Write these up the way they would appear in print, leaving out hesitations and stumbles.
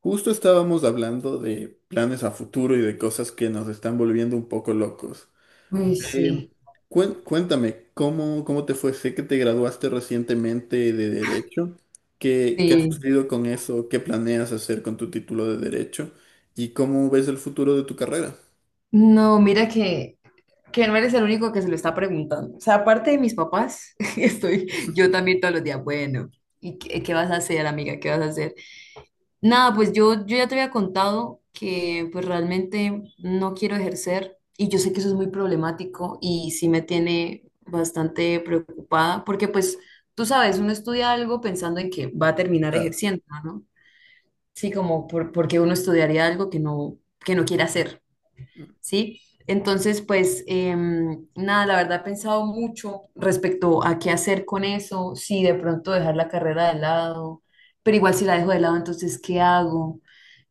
Justo estábamos hablando de planes a futuro y de cosas que nos están volviendo un poco locos. Uy, Em, sí, Cuéntame, ¿cómo te fue? Sé que te graduaste recientemente de Derecho. ¿Qué ha sí. sucedido con eso? ¿Qué planeas hacer con tu título de Derecho? ¿Y cómo ves el futuro de tu carrera? No, mira que no eres el único que se lo está preguntando. O sea, aparte de mis papás, estoy yo también todos los días, bueno, ¿y qué vas a hacer, amiga? ¿Qué vas a hacer? Nada, pues yo ya te había contado que pues realmente no quiero ejercer y yo sé que eso es muy problemático y sí me tiene bastante preocupada porque pues tú sabes, uno estudia algo pensando en que va a terminar Claro. ejerciendo, ¿no? Sí, como porque uno estudiaría algo que no quiere hacer. ¿Sí? Entonces, pues nada, la verdad he pensado mucho respecto a qué hacer con eso, si de pronto dejar la carrera de lado, pero igual si la dejo de lado, entonces, ¿qué hago?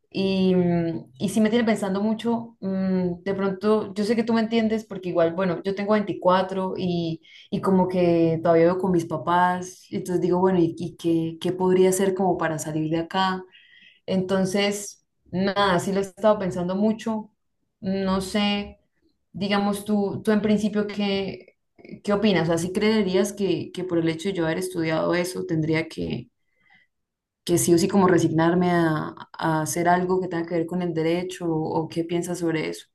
Y sí me tiene pensando mucho, de pronto, yo sé que tú me entiendes porque igual, bueno, yo tengo 24 y como que todavía vivo con mis papás, entonces digo, bueno, ¿y qué podría hacer como para salir de acá? Entonces, nada, sí lo he estado pensando mucho. No sé, digamos tú en principio, ¿qué opinas? ¿Así creerías que por el hecho de yo haber estudiado eso, tendría que sí o sí como resignarme a hacer algo que tenga que ver con el derecho? ¿O qué piensas sobre eso?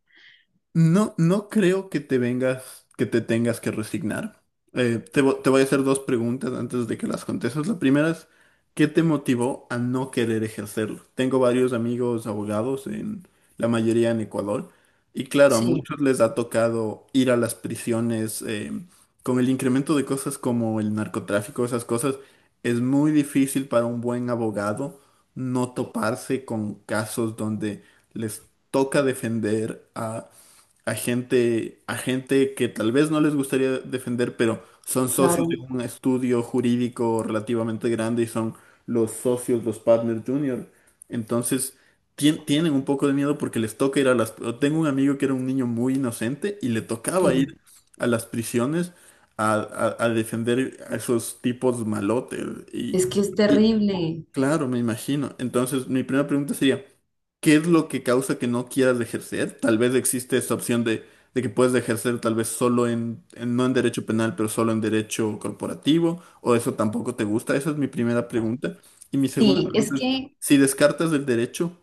No, no creo que te tengas que resignar. Te voy a hacer dos preguntas antes de que las contestes. La primera es, ¿qué te motivó a no querer ejercerlo? Tengo varios amigos abogados, en la mayoría en Ecuador, y claro, a Sí, muchos les ha tocado ir a las prisiones con el incremento de cosas como el narcotráfico, esas cosas. Es muy difícil para un buen abogado no toparse con casos donde les toca defender a gente, a gente que tal vez no les gustaría defender, pero son socios de claro, un estudio jurídico relativamente grande y son los socios, los partners junior. Entonces, tienen un poco de miedo porque les toca ir a las... Tengo un amigo que era un niño muy inocente y le tocaba ir sí. a las prisiones a defender a esos tipos malotes. Y, Es que es y, terrible. Claro, me imagino. Entonces, mi primera pregunta sería, ¿qué es lo que causa que no quieras ejercer? Tal vez existe esta opción de que puedes ejercer tal vez solo no en derecho penal, pero solo en derecho corporativo, o eso tampoco te gusta. Esa es mi primera pregunta. Y mi segunda Sí, es pregunta es, que si descartas el derecho,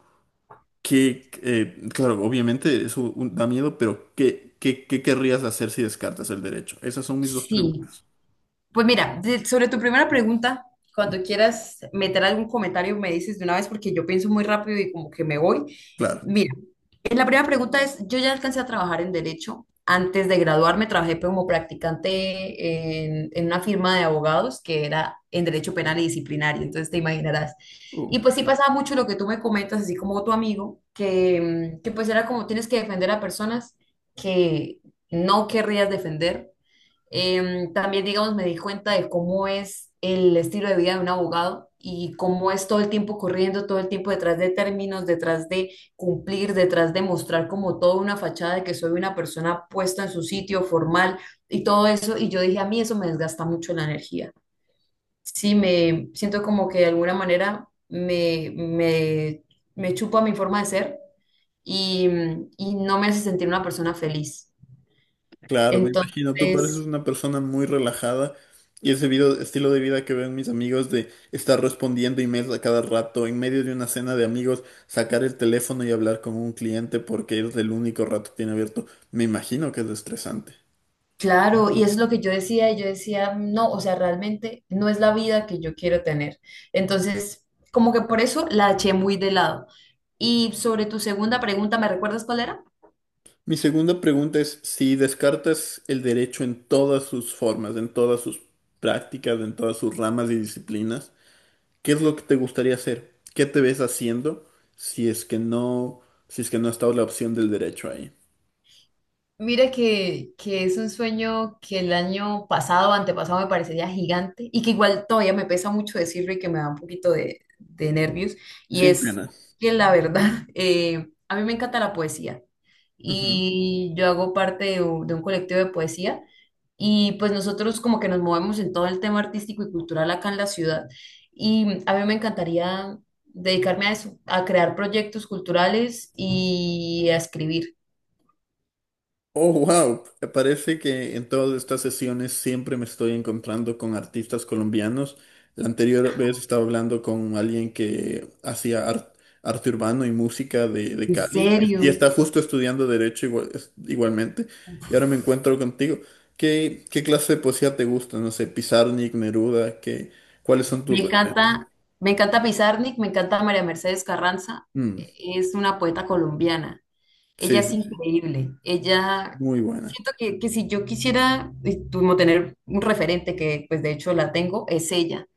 claro, obviamente eso da miedo, pero ¿qué querrías hacer si descartas el derecho? Esas son mis dos sí. preguntas. Pues mira, sobre tu primera pregunta, cuando quieras meter algún comentario, me dices de una vez porque yo pienso muy rápido y como que me voy. Claro. Mira, la primera pregunta es, yo ya alcancé a trabajar en derecho. Antes de graduarme trabajé como practicante en una firma de abogados que era en derecho penal y disciplinario, entonces te imaginarás. Y pues sí pasaba mucho lo que tú me comentas, así como tu amigo, que pues era como tienes que defender a personas que no querrías defender. También, digamos, me di cuenta de cómo es el estilo de vida de un abogado y cómo es todo el tiempo corriendo, todo el tiempo detrás de términos, detrás de cumplir, detrás de mostrar como toda una fachada de que soy una persona puesta en su sitio formal y todo eso. Y yo dije, a mí eso me desgasta mucho la energía. Sí, me siento como que de alguna manera me chupa mi forma de ser y, y no me hace sentir una persona feliz. Claro, me imagino, tú pareces Entonces... una persona muy relajada y ese estilo de vida que ven mis amigos de estar respondiendo emails a cada rato, en medio de una cena de amigos, sacar el teléfono y hablar con un cliente porque es el único rato que tiene abierto, me imagino que es estresante. Claro, y eso es lo que yo decía, y yo decía, no, o sea, realmente no es la vida que yo quiero tener. Entonces, como que por eso la eché muy de lado. Y sobre tu segunda pregunta, ¿me recuerdas cuál era? Mi segunda pregunta es si descartas el derecho en todas sus formas, en todas sus prácticas, en todas sus ramas y disciplinas, ¿qué es lo que te gustaría hacer? ¿Qué te ves haciendo si es que no, si es que no está la opción del derecho ahí? Mira que es un sueño que el año pasado o antepasado me parecería gigante y que igual todavía me pesa mucho decirlo y que me da un poquito de nervios. Y Sin es pena. que la verdad, a mí me encanta la poesía Ujú. y yo hago parte de un colectivo de poesía. Y pues nosotros como que nos movemos en todo el tema artístico y cultural acá en la ciudad. Y a mí me encantaría dedicarme a eso, a crear proyectos culturales y a escribir. Oh, wow. Parece que en todas estas sesiones siempre me estoy encontrando con artistas colombianos. La anterior vez estaba hablando con alguien que hacía arte urbano y música de ¿En Cali y serio? está justo estudiando derecho igualmente. Y ahora me encuentro contigo. ¿Qué clase de poesía te gusta? No sé, Pizarnik, Neruda, ¿cuáles son tus Me referentes? encanta, me encanta Pizarnik, me encanta María Mercedes Carranza, Mm, es una poeta colombiana. Ella sí, sí, es sí. increíble. Ella, Muy buena. siento que si yo quisiera como tener un referente, que pues de hecho la tengo, es ella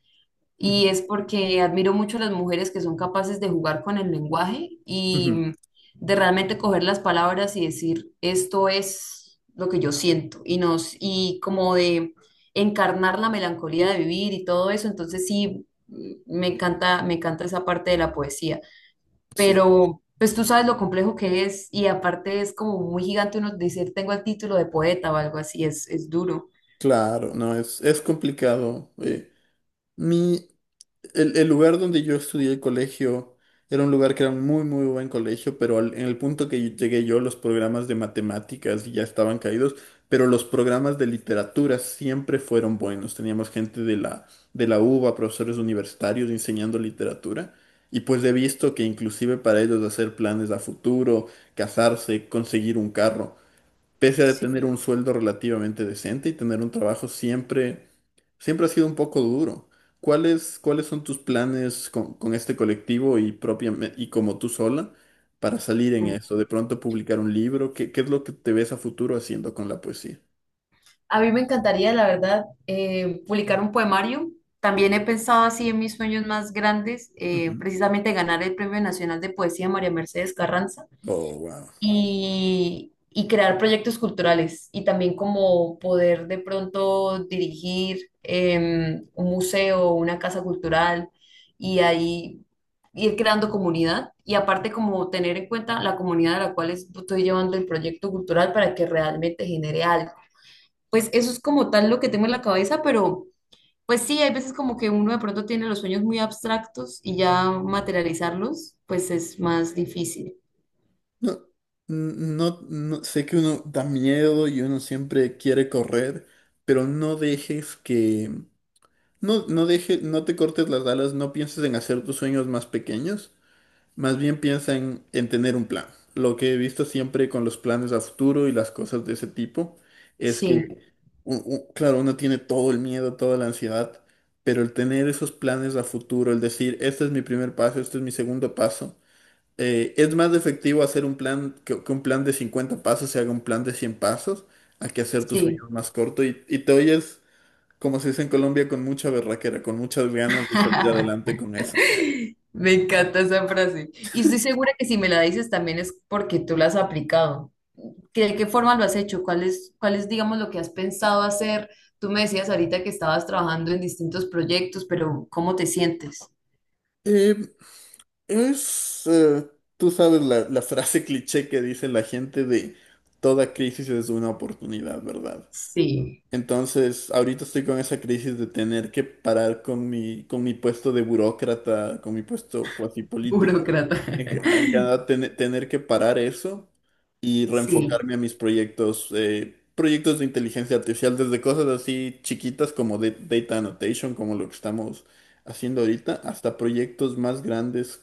y Ujú, es porque admiro mucho a las mujeres que son capaces de jugar con el lenguaje y ujú, de realmente coger las palabras y decir, esto es lo que yo siento y nos y como de encarnar la melancolía de vivir y todo eso, entonces sí me encanta esa parte de la poesía, sí. pero pues tú sabes lo complejo que es y aparte es como muy gigante uno decir tengo el título de poeta o algo así, es duro. Claro, no, es complicado. Mi, el lugar donde yo estudié el colegio era un lugar que era un muy, muy buen colegio, pero en el punto que llegué yo, los programas de matemáticas ya estaban caídos, pero los programas de literatura siempre fueron buenos. Teníamos gente de la UBA, profesores universitarios enseñando literatura. Y pues he visto que inclusive para ellos hacer planes a futuro, casarse, conseguir un carro pese a Sí. tener un sueldo relativamente decente y tener un trabajo siempre, siempre ha sido un poco duro. ¿Cuáles son tus planes con este colectivo y propiamente, y como tú sola para salir en eso? De pronto publicar un libro, ¿qué es lo que te ves a futuro haciendo con la poesía? A mí me encantaría, la verdad, publicar un poemario. También he pensado así en mis sueños más grandes, Ujú. precisamente ganar el Premio Nacional de Poesía María Mercedes Carranza Oh, wow. y crear proyectos culturales y también como poder de pronto dirigir un museo, una casa cultural y ahí ir creando comunidad y aparte como tener en cuenta la comunidad a la cual estoy llevando el proyecto cultural para que realmente genere algo. Pues eso es como tal lo que tengo en la cabeza, pero pues sí, hay veces como que uno de pronto tiene los sueños muy abstractos y ya materializarlos, pues es más difícil. No, no, no, sé que uno da miedo y uno siempre quiere correr, pero no te cortes las alas, no pienses en hacer tus sueños más pequeños. Más bien piensa en tener un plan. Lo que he visto siempre con los planes a futuro y las cosas de ese tipo es que, Sí, claro, uno tiene todo el miedo, toda la ansiedad, pero el tener esos planes a futuro, el decir, este es mi primer paso, este es mi segundo paso, es más efectivo hacer un plan, que un plan de 50 pasos se haga un plan de 100 pasos, a que hacer tus sueños sí. más corto y te oyes, como se dice en Colombia, con mucha berraquera, con muchas ganas de salir adelante con eso. Me encanta esa frase. Y estoy segura que si me la dices también es porque tú la has aplicado. ¿Que ¿De qué forma lo has hecho? ¿Cuál es, digamos, lo que has pensado hacer? Tú me decías ahorita que estabas trabajando en distintos proyectos, pero ¿cómo te sientes? Es, eh, Tú sabes la frase cliché que dice la gente de toda crisis es una oportunidad, ¿verdad? Sí, Entonces, ahorita estoy con esa crisis de tener que parar con mi puesto de burócrata, con mi puesto cuasi político. burócrata. En Canadá, tener que parar eso y Sí. reenfocarme a mis proyectos, proyectos de inteligencia artificial, desde cosas así chiquitas como data annotation, como lo que estamos haciendo ahorita, hasta proyectos más grandes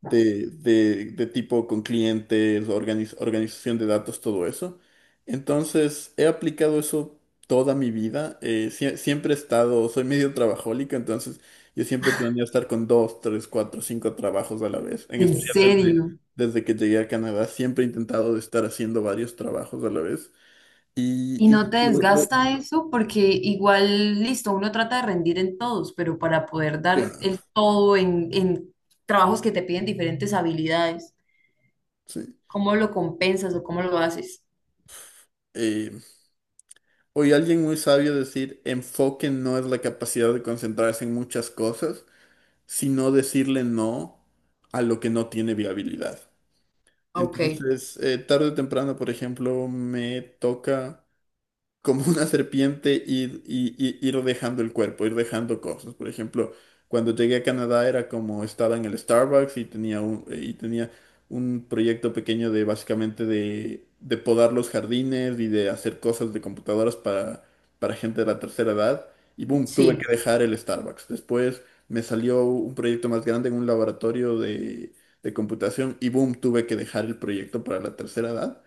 de tipo con clientes, organización de datos, todo eso. Entonces, he aplicado eso toda mi vida. Siempre he estado, soy medio trabajólico, entonces yo siempre planeo estar con dos, tres, cuatro, cinco trabajos a la vez. En En especial serio. desde que llegué a Canadá, siempre he intentado de estar haciendo varios trabajos a la vez. ¿Y Y, y no te lo- lo- desgasta eso porque igual, listo, uno trata de rendir en todos, pero para poder dar claro, el todo en trabajos que te piden diferentes habilidades, sí. cómo lo compensas o cómo lo haces? Eh, Oí a alguien muy sabio decir, enfoque no es la capacidad de concentrarse en muchas cosas, sino decirle no a lo que no tiene viabilidad. Ok, Entonces, tarde o temprano, por ejemplo, me toca como una serpiente ir, ir dejando el cuerpo, ir dejando cosas. Por ejemplo, cuando llegué a Canadá era como estaba en el Starbucks y tenía un proyecto pequeño de básicamente de podar los jardines y de hacer cosas de computadoras para gente de la tercera edad. Y boom, tuve sí, que dejar el Starbucks. Después me salió un proyecto más grande en un laboratorio de computación y boom, tuve que dejar el proyecto para la tercera edad.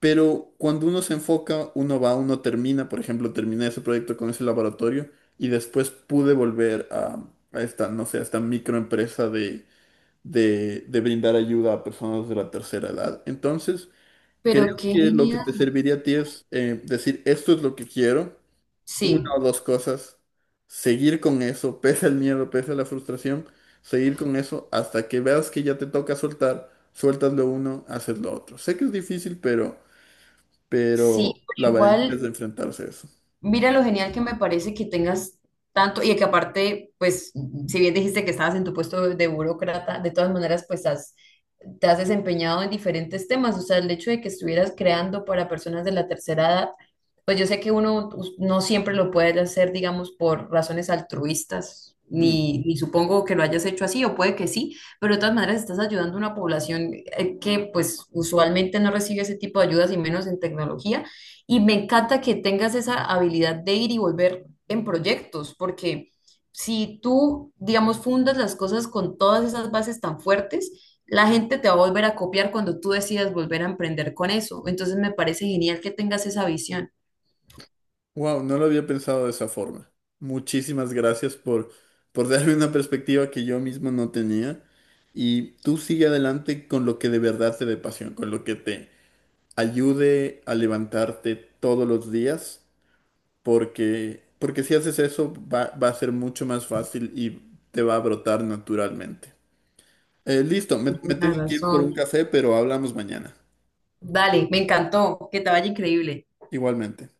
Pero cuando uno se enfoca, uno va, uno termina, por ejemplo, terminé ese proyecto con ese laboratorio y después pude volver a esta, no sé, a esta microempresa de brindar ayuda a personas de la tercera edad. Entonces, creo pero qué que lo que genial. te serviría a ti es decir, esto es lo que quiero, una Sí, o dos cosas, seguir con eso, pese al miedo, pese a la frustración, seguir con eso hasta que veas que ya te toca soltar, sueltas lo uno, haces lo otro. Sé que es difícil, pero sí, la pero valentía es igual. de enfrentarse a eso. Mira lo genial que me parece que tengas tanto y que aparte, pues, si bien dijiste que estabas en tu puesto de burócrata, de todas maneras, pues te has desempeñado en diferentes temas. O sea, el hecho de que estuvieras creando para personas de la tercera edad, pues yo sé que uno no siempre lo puede hacer, digamos, por razones altruistas, ni supongo que lo hayas hecho así, o puede que sí, pero de todas maneras estás ayudando a una población que pues usualmente no recibe ese tipo de ayudas y menos en tecnología. Y me encanta que tengas esa habilidad de ir y volver en proyectos, porque si tú, digamos, fundas las cosas con todas esas bases tan fuertes, la gente te va a volver a copiar cuando tú decidas volver a emprender con eso. Entonces me parece genial que tengas esa visión. Wow, no lo había pensado de esa forma. Muchísimas gracias por darme una perspectiva que yo mismo no tenía. Y tú sigue adelante con lo que de verdad te dé pasión, con lo que te ayude a levantarte todos los días, porque si haces eso va a ser mucho más fácil y te va a brotar naturalmente. Listo, me Tienes tengo que ir por un razón. café, pero hablamos mañana. Dale, me encantó, que te vaya increíble. Igualmente.